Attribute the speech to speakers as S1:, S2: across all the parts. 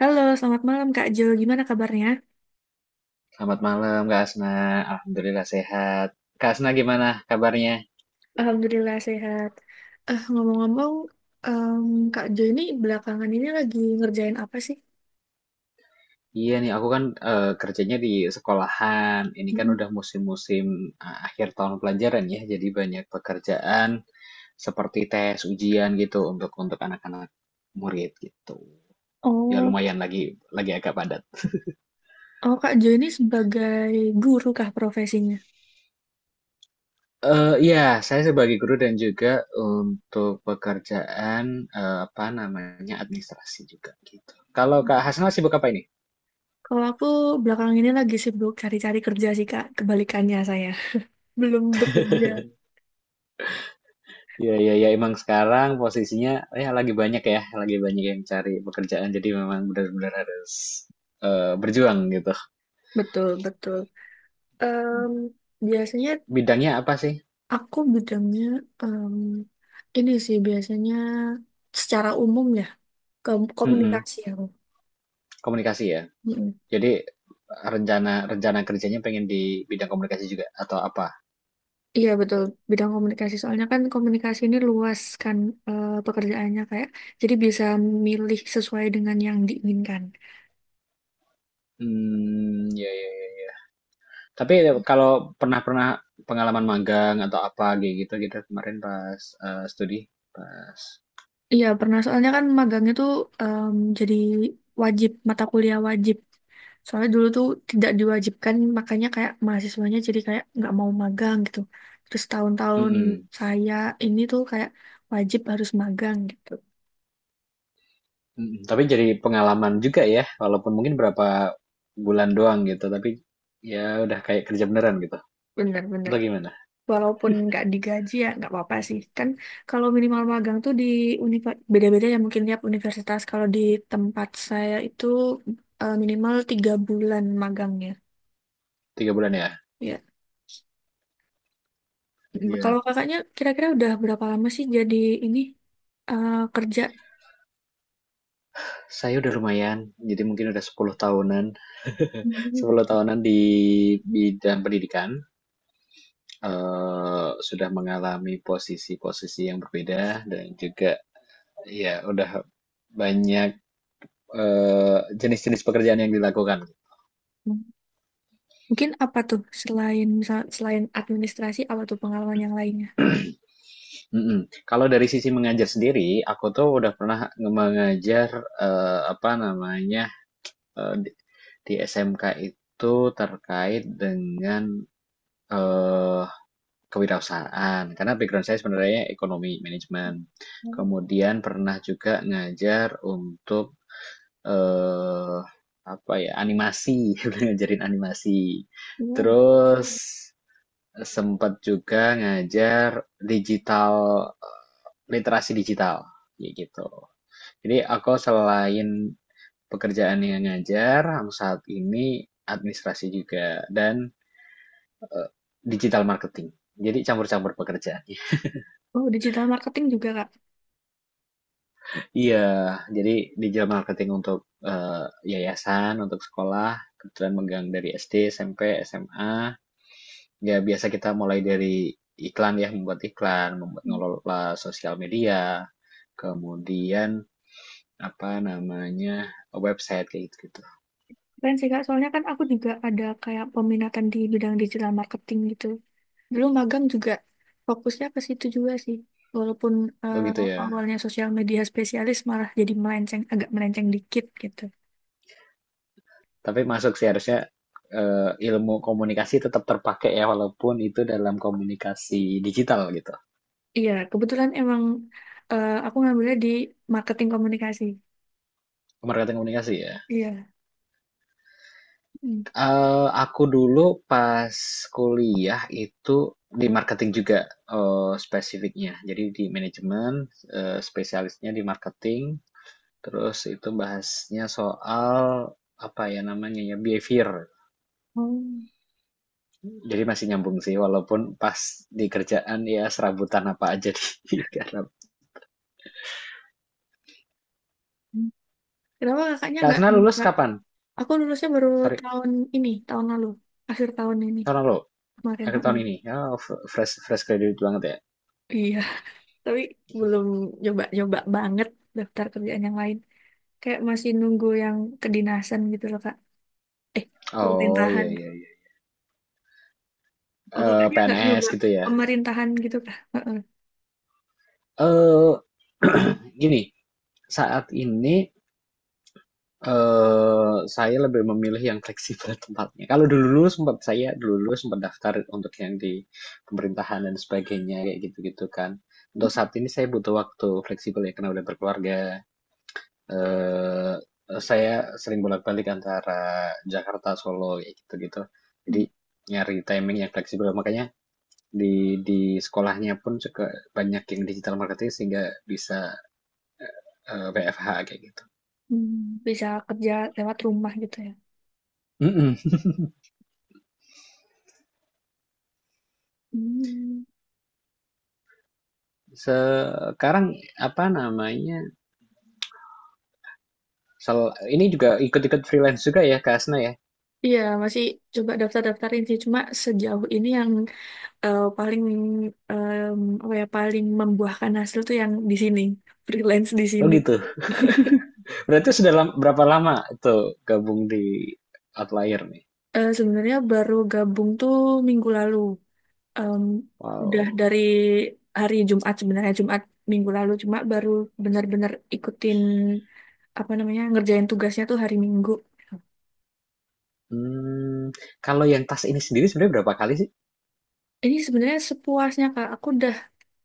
S1: Halo, selamat malam Kak Jo. Gimana kabarnya?
S2: Selamat malam Kak Asna, Alhamdulillah sehat. Kak Asna gimana kabarnya?
S1: Alhamdulillah sehat. Ngomong-ngomong, em, Kak Jo ini belakangan ini lagi ngerjain apa sih?
S2: Iya nih, aku kan kerjanya di sekolahan. Ini kan
S1: Mm-mm.
S2: udah musim-musim akhir tahun pelajaran ya, jadi banyak pekerjaan seperti tes, ujian gitu untuk anak-anak murid gitu. Ya
S1: Oh,
S2: lumayan lagi agak padat.
S1: oh Kak Jo ini sebagai guru kah profesinya?
S2: Ya, saya sebagai guru dan juga untuk pekerjaan apa namanya administrasi juga gitu. Kalau Kak Hasna sibuk apa ini?
S1: Kalau aku belakangan ini lagi sibuk cari-cari kerja sih Kak, kebalikannya saya. Belum bekerja.
S2: Iya, iya, iya. Emang sekarang posisinya ya, lagi banyak yang cari pekerjaan. Jadi memang benar-benar harus berjuang gitu.
S1: Betul, betul. Em, biasanya
S2: Bidangnya apa sih?
S1: aku bidangnya em, ini sih biasanya secara umum ya, ke
S2: Mm-mm,
S1: komunikasi aku.
S2: komunikasi ya. Jadi rencana rencana kerjanya pengen di bidang komunikasi juga atau apa?
S1: Iya betul bidang komunikasi soalnya kan komunikasi ini luas kan pekerjaannya kayak jadi bisa milih sesuai dengan yang diinginkan.
S2: Hmm, ya, ya, ya, ya. Tapi kalau pernah pernah pengalaman magang atau apa kayak gitu gitu kemarin pas studi, pas.
S1: Iya pernah soalnya kan magang itu jadi wajib mata kuliah wajib. Soalnya dulu tuh tidak diwajibkan makanya kayak mahasiswanya jadi kayak nggak mau magang gitu. Terus tahun-tahun
S2: Mm-mm.
S1: saya ini tuh kayak wajib harus magang gitu.
S2: Mhm, tapi jadi pengalaman juga ya, walaupun mungkin berapa bulan doang gitu, tapi ya udah kayak kerja beneran gitu.
S1: Bener-bener.
S2: Atau gimana?
S1: Walaupun nggak digaji ya nggak apa-apa sih kan kalau minimal magang tuh di beda-beda ya mungkin tiap universitas kalau di tempat saya itu minimal 3 bulan magangnya
S2: 3 bulan ya?
S1: ya. Mm, kalau
S2: Iya.
S1: kakaknya kira-kira udah berapa lama sih jadi ini kerja.
S2: Saya udah lumayan, jadi mungkin udah 10 tahunan.
S1: Hmm.
S2: 10 tahunan di bidang pendidikan, sudah mengalami posisi-posisi yang berbeda dan juga ya udah banyak jenis-jenis pekerjaan yang dilakukan.
S1: Mungkin apa tuh selain misal selain administrasi apa tuh pengalaman yang lainnya?
S2: Mhm. Kalau dari sisi mengajar sendiri, aku tuh udah pernah mengajar, apa namanya, eee, di di SMK itu terkait dengan, eee, kewirausahaan. Karena background saya sebenarnya ekonomi, manajemen. Kemudian pernah juga ngajar untuk, eee, apa ya, animasi, ngajarin animasi. Mmm.
S1: Hmm.
S2: Terus sempat juga ngajar digital, literasi digital, kayak gitu. Jadi aku selain pekerjaan yang ngajar, aku saat ini administrasi juga dan eh, digital marketing. Jadi campur-campur pekerjaan.
S1: Oh, digital marketing juga, Kak.
S2: Iya, jadi digital marketing untuk eh, yayasan, untuk sekolah, kebetulan megang dari SD, SMP, SMA. Ya biasa kita mulai dari iklan ya, membuat iklan, membuat ngelola sosial media. Kemudian apa namanya, website kayak gitu gitu.
S1: Keren sih Kak, soalnya kan aku juga ada kayak peminatan di bidang digital marketing gitu. Dulu magang juga fokusnya ke situ juga sih. Walaupun
S2: Oh
S1: eh,
S2: gitu ya.
S1: awalnya sosial media spesialis malah jadi melenceng, agak melenceng dikit gitu.
S2: Tapi masuk sih harusnya ilmu komunikasi tetap terpakai ya walaupun itu dalam komunikasi digital gitu.
S1: Iya, kebetulan emang aku ngambilnya di marketing komunikasi.
S2: Marketing komunikasi ya.
S1: Iya. Hmm.
S2: Eh, aku dulu pas kuliah itu di marketing juga spesifiknya. Jadi di manajemen, spesialisnya di marketing. Terus itu bahasnya soal apa ya namanya ya behavior.
S1: Oh.
S2: Jadi masih nyambung sih, walaupun pas di kerjaan ya serabutan apa aja di karena
S1: Hmm. Kenapa kakaknya
S2: Kak
S1: nggak
S2: Asna lulus
S1: nyoba?
S2: kapan?
S1: Aku lulusnya baru
S2: Sorry,
S1: tahun ini, tahun lalu. Akhir tahun ini,
S2: tahun lalu,
S1: kemarin.
S2: akhir tahun
S1: Heeh.
S2: ini. Oh, fresh fresh graduate banget ya.
S1: Iya. Tapi belum nyoba-nyoba banget daftar kerjaan yang lain. Kayak masih nunggu yang kedinasan gitu loh, Kak. Eh,
S2: Oh
S1: pemerintahan.
S2: iya iya iya.
S1: Oh,
S2: Eh,
S1: kakaknya nggak
S2: PNS
S1: nyoba
S2: gitu ya.
S1: pemerintahan gitu, Kak? Heeh.
S2: Eh gini, saat ini saya lebih memilih yang fleksibel tempatnya. Kalau dulu sempat saya dulu dulu sempat daftar untuk yang di pemerintahan dan sebagainya kayak gitu-gitu kan. Untuk saat ini saya butuh waktu fleksibel ya karena udah berkeluarga eh saya sering bolak-balik antara Jakarta, Solo, kayak gitu-gitu. Jadi nyari timing yang fleksibel. Makanya di sekolahnya pun juga banyak yang digital marketing sehingga bisa WFH kayak gitu.
S1: Hmm. Bisa kerja lewat rumah gitu ya.
S2: Mm-mm.
S1: Hmm.
S2: Sekarang apa namanya? Ini juga ikut-ikut freelance juga ya, Kak Asna ya?
S1: Iya, masih coba daftar-daftarin sih. Cuma sejauh ini yang paling em, apa ya, paling membuahkan hasil tuh yang di sini, freelance di
S2: Oh
S1: sini.
S2: gitu. Berarti sudah berapa lama tuh gabung di Outlier nih?
S1: Sebenarnya baru gabung tuh minggu lalu. em, udah
S2: Wow.
S1: dari hari Jumat sebenarnya Jumat minggu lalu cuma baru benar-benar ikutin apa namanya ngerjain tugasnya tuh hari Minggu.
S2: Hmm, kalau yang tas ini sendiri sebenarnya berapa kali sih?
S1: Ini sebenarnya sepuasnya Kak. Aku udah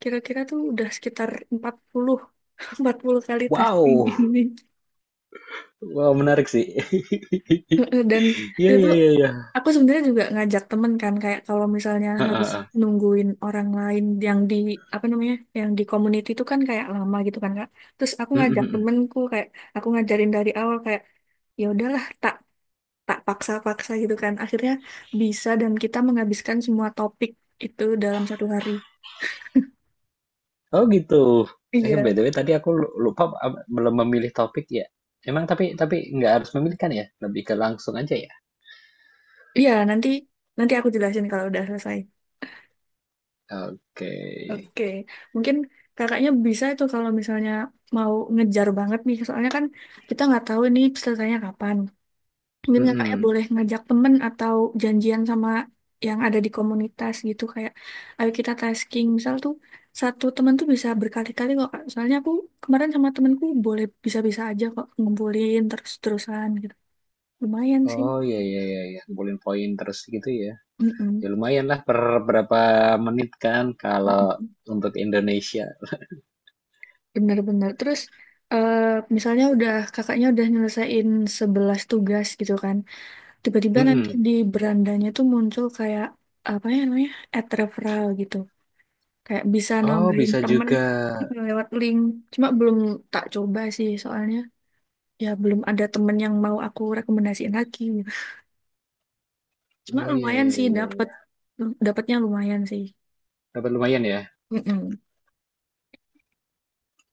S1: kira-kira tuh udah sekitar 40 40 kali testing
S2: Wow,
S1: ini.
S2: wow menarik sih.
S1: Dan
S2: Iya
S1: itu
S2: iya
S1: tuh
S2: iya iya.
S1: aku sebenarnya juga ngajak temen kan kayak kalau misalnya
S2: Heeh,
S1: harus
S2: heeh.
S1: nungguin orang lain yang di apa namanya yang di community itu kan kayak lama gitu kan Kak. Terus aku
S2: Mm, mm,
S1: ngajak
S2: mm.
S1: temenku kayak aku ngajarin dari awal kayak ya udahlah tak tak paksa-paksa gitu kan. Akhirnya bisa dan kita menghabiskan semua topik itu dalam satu hari.
S2: Oh gitu. Eh
S1: Iya.
S2: BTW tadi aku lupa belum memilih topik ya. Emang tapi nggak harus memilih kan ya? Lebih ke langsung aja ya.
S1: Iya, nanti nanti aku jelasin kalau udah selesai.
S2: Oke.
S1: Oke, mungkin kakaknya bisa itu kalau misalnya mau ngejar banget nih, soalnya kan kita nggak tahu nih pesertanya kapan. Mungkin kakaknya
S2: Mm-mm.
S1: boleh ngajak temen atau janjian sama yang ada di komunitas gitu, kayak ayo kita tasking. Misal tuh satu temen tuh bisa berkali-kali kok, Kak. Soalnya aku kemarin sama temenku boleh bisa-bisa aja kok ngumpulin terus-terusan gitu. Lumayan sih.
S2: Oh iya iya iya iya. Ngumpulin poin terus gitu ya.
S1: Mm-mm.
S2: Ya lumayan lah per berapa menit kan kalau
S1: Mm-mm.
S2: untuk Indonesia.
S1: Benar-benar. Terus eh, misalnya udah kakaknya udah nyelesain 11 tugas gitu kan. Tiba-tiba nanti
S2: Mm-mm.
S1: di berandanya tuh muncul kayak apa ya namanya? Ad referral gitu. Kayak bisa
S2: Oh
S1: nambahin
S2: bisa
S1: temen
S2: juga.
S1: lewat link. Cuma belum tak coba sih soalnya ya belum ada temen yang mau aku rekomendasiin lagi. Gitu. Cuma
S2: Oh iya
S1: lumayan
S2: iya
S1: sih
S2: iya.
S1: dapet
S2: Iya.
S1: dapetnya lumayan sih.
S2: Dapat lumayan ya.
S1: Mm-mm.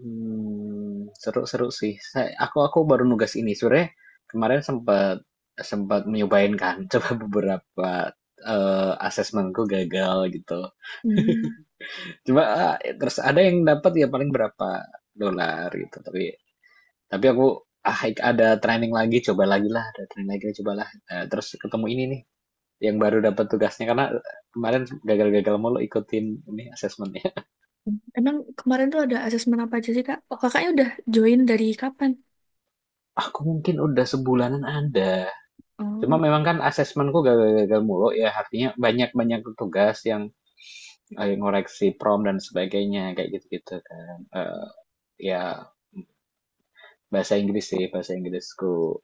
S2: Hmm, seru-seru sih. Aku baru nugas ini sore. Kemarin sempat sempat nyobain kan. Coba beberapa asesmenku gagal gitu.
S1: Hmm.
S2: Cuma ah, terus ada yang dapat ya paling berapa dolar gitu. Tapi aku ah ada training lagi, coba lagi lah, ada training lagi, coba lah. Eh, terus ketemu ini nih yang baru dapat tugasnya karena kemarin gagal-gagal mulu ikutin ini asesmennya.
S1: Emang kemarin tuh ada asesmen apa aja sih, Kak? Oh, kakaknya udah join dari kapan?
S2: Aku mungkin udah sebulanan ada. Cuma
S1: Oh.
S2: memang kan asesmenku gagal-gagal mulu ya, artinya banyak-banyak tugas yang ngoreksi prom dan sebagainya, kayak gitu-gitu kan. Ya, bahasa Inggris sih, bahasa Inggrisku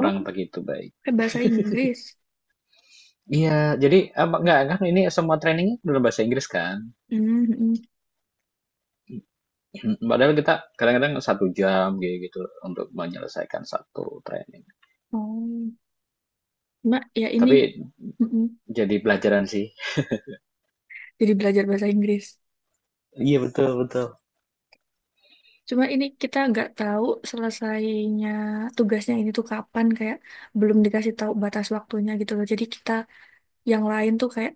S1: Oh,
S2: begitu baik.
S1: pakai bahasa Inggris.
S2: Iya, jadi apa enggak kan ini semua trainingnya dalam bahasa Inggris kan.
S1: Hmm, hmm.
S2: Padahal kita kadang-kadang 1 jam kayak gitu untuk menyelesaikan 1 training.
S1: Oh, Mbak, ya ini
S2: Tapi
S1: hmm.
S2: jadi pelajaran sih.
S1: Jadi belajar bahasa Inggris.
S2: Iya betul betul.
S1: Cuma ini kita nggak tahu selesainya tugasnya ini tuh kapan, kayak belum dikasih tahu batas waktunya gitu loh. Jadi kita yang lain tuh kayak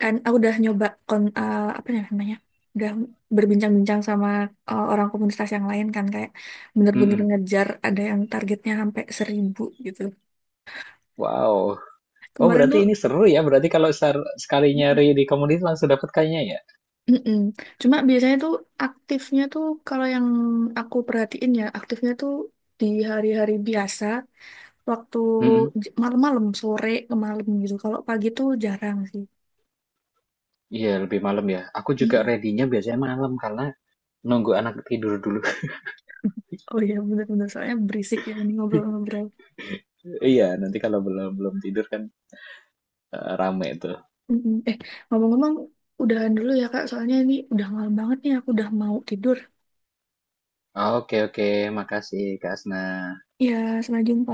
S1: kan aku udah nyoba apa ya namanya? Udah berbincang-bincang sama orang komunitas yang lain kan kayak bener-bener
S2: Mm-mm.
S1: ngejar ada yang targetnya sampai 1.000 gitu.
S2: Wow. Oh
S1: Kemarin
S2: berarti
S1: tuh
S2: ini seru ya. Berarti kalau sekali
S1: hmm,
S2: nyari di komunitas langsung dapat kayaknya ya.
S1: mm-mm. Cuma biasanya tuh aktifnya tuh kalau yang aku perhatiin ya aktifnya tuh di hari-hari biasa waktu
S2: Mhm,
S1: malam-malam sore ke malam gitu. Kalau pagi tuh jarang sih.
S2: iya lebih malam ya. Aku juga
S1: Mm-mm.
S2: ready-nya biasanya malam karena nunggu anak tidur dulu.
S1: Oh iya bener-bener soalnya berisik ya ini ngobrol-ngobrol.
S2: Iya, nanti kalau belum belum tidur kan rame tuh.
S1: Mm-mm. Eh, ngomong-ngomong udahan dulu ya Kak soalnya ini udah malam banget nih aku udah mau tidur.
S2: Oke, oke, makasih Kak Asna.
S1: Ya sampai jumpa.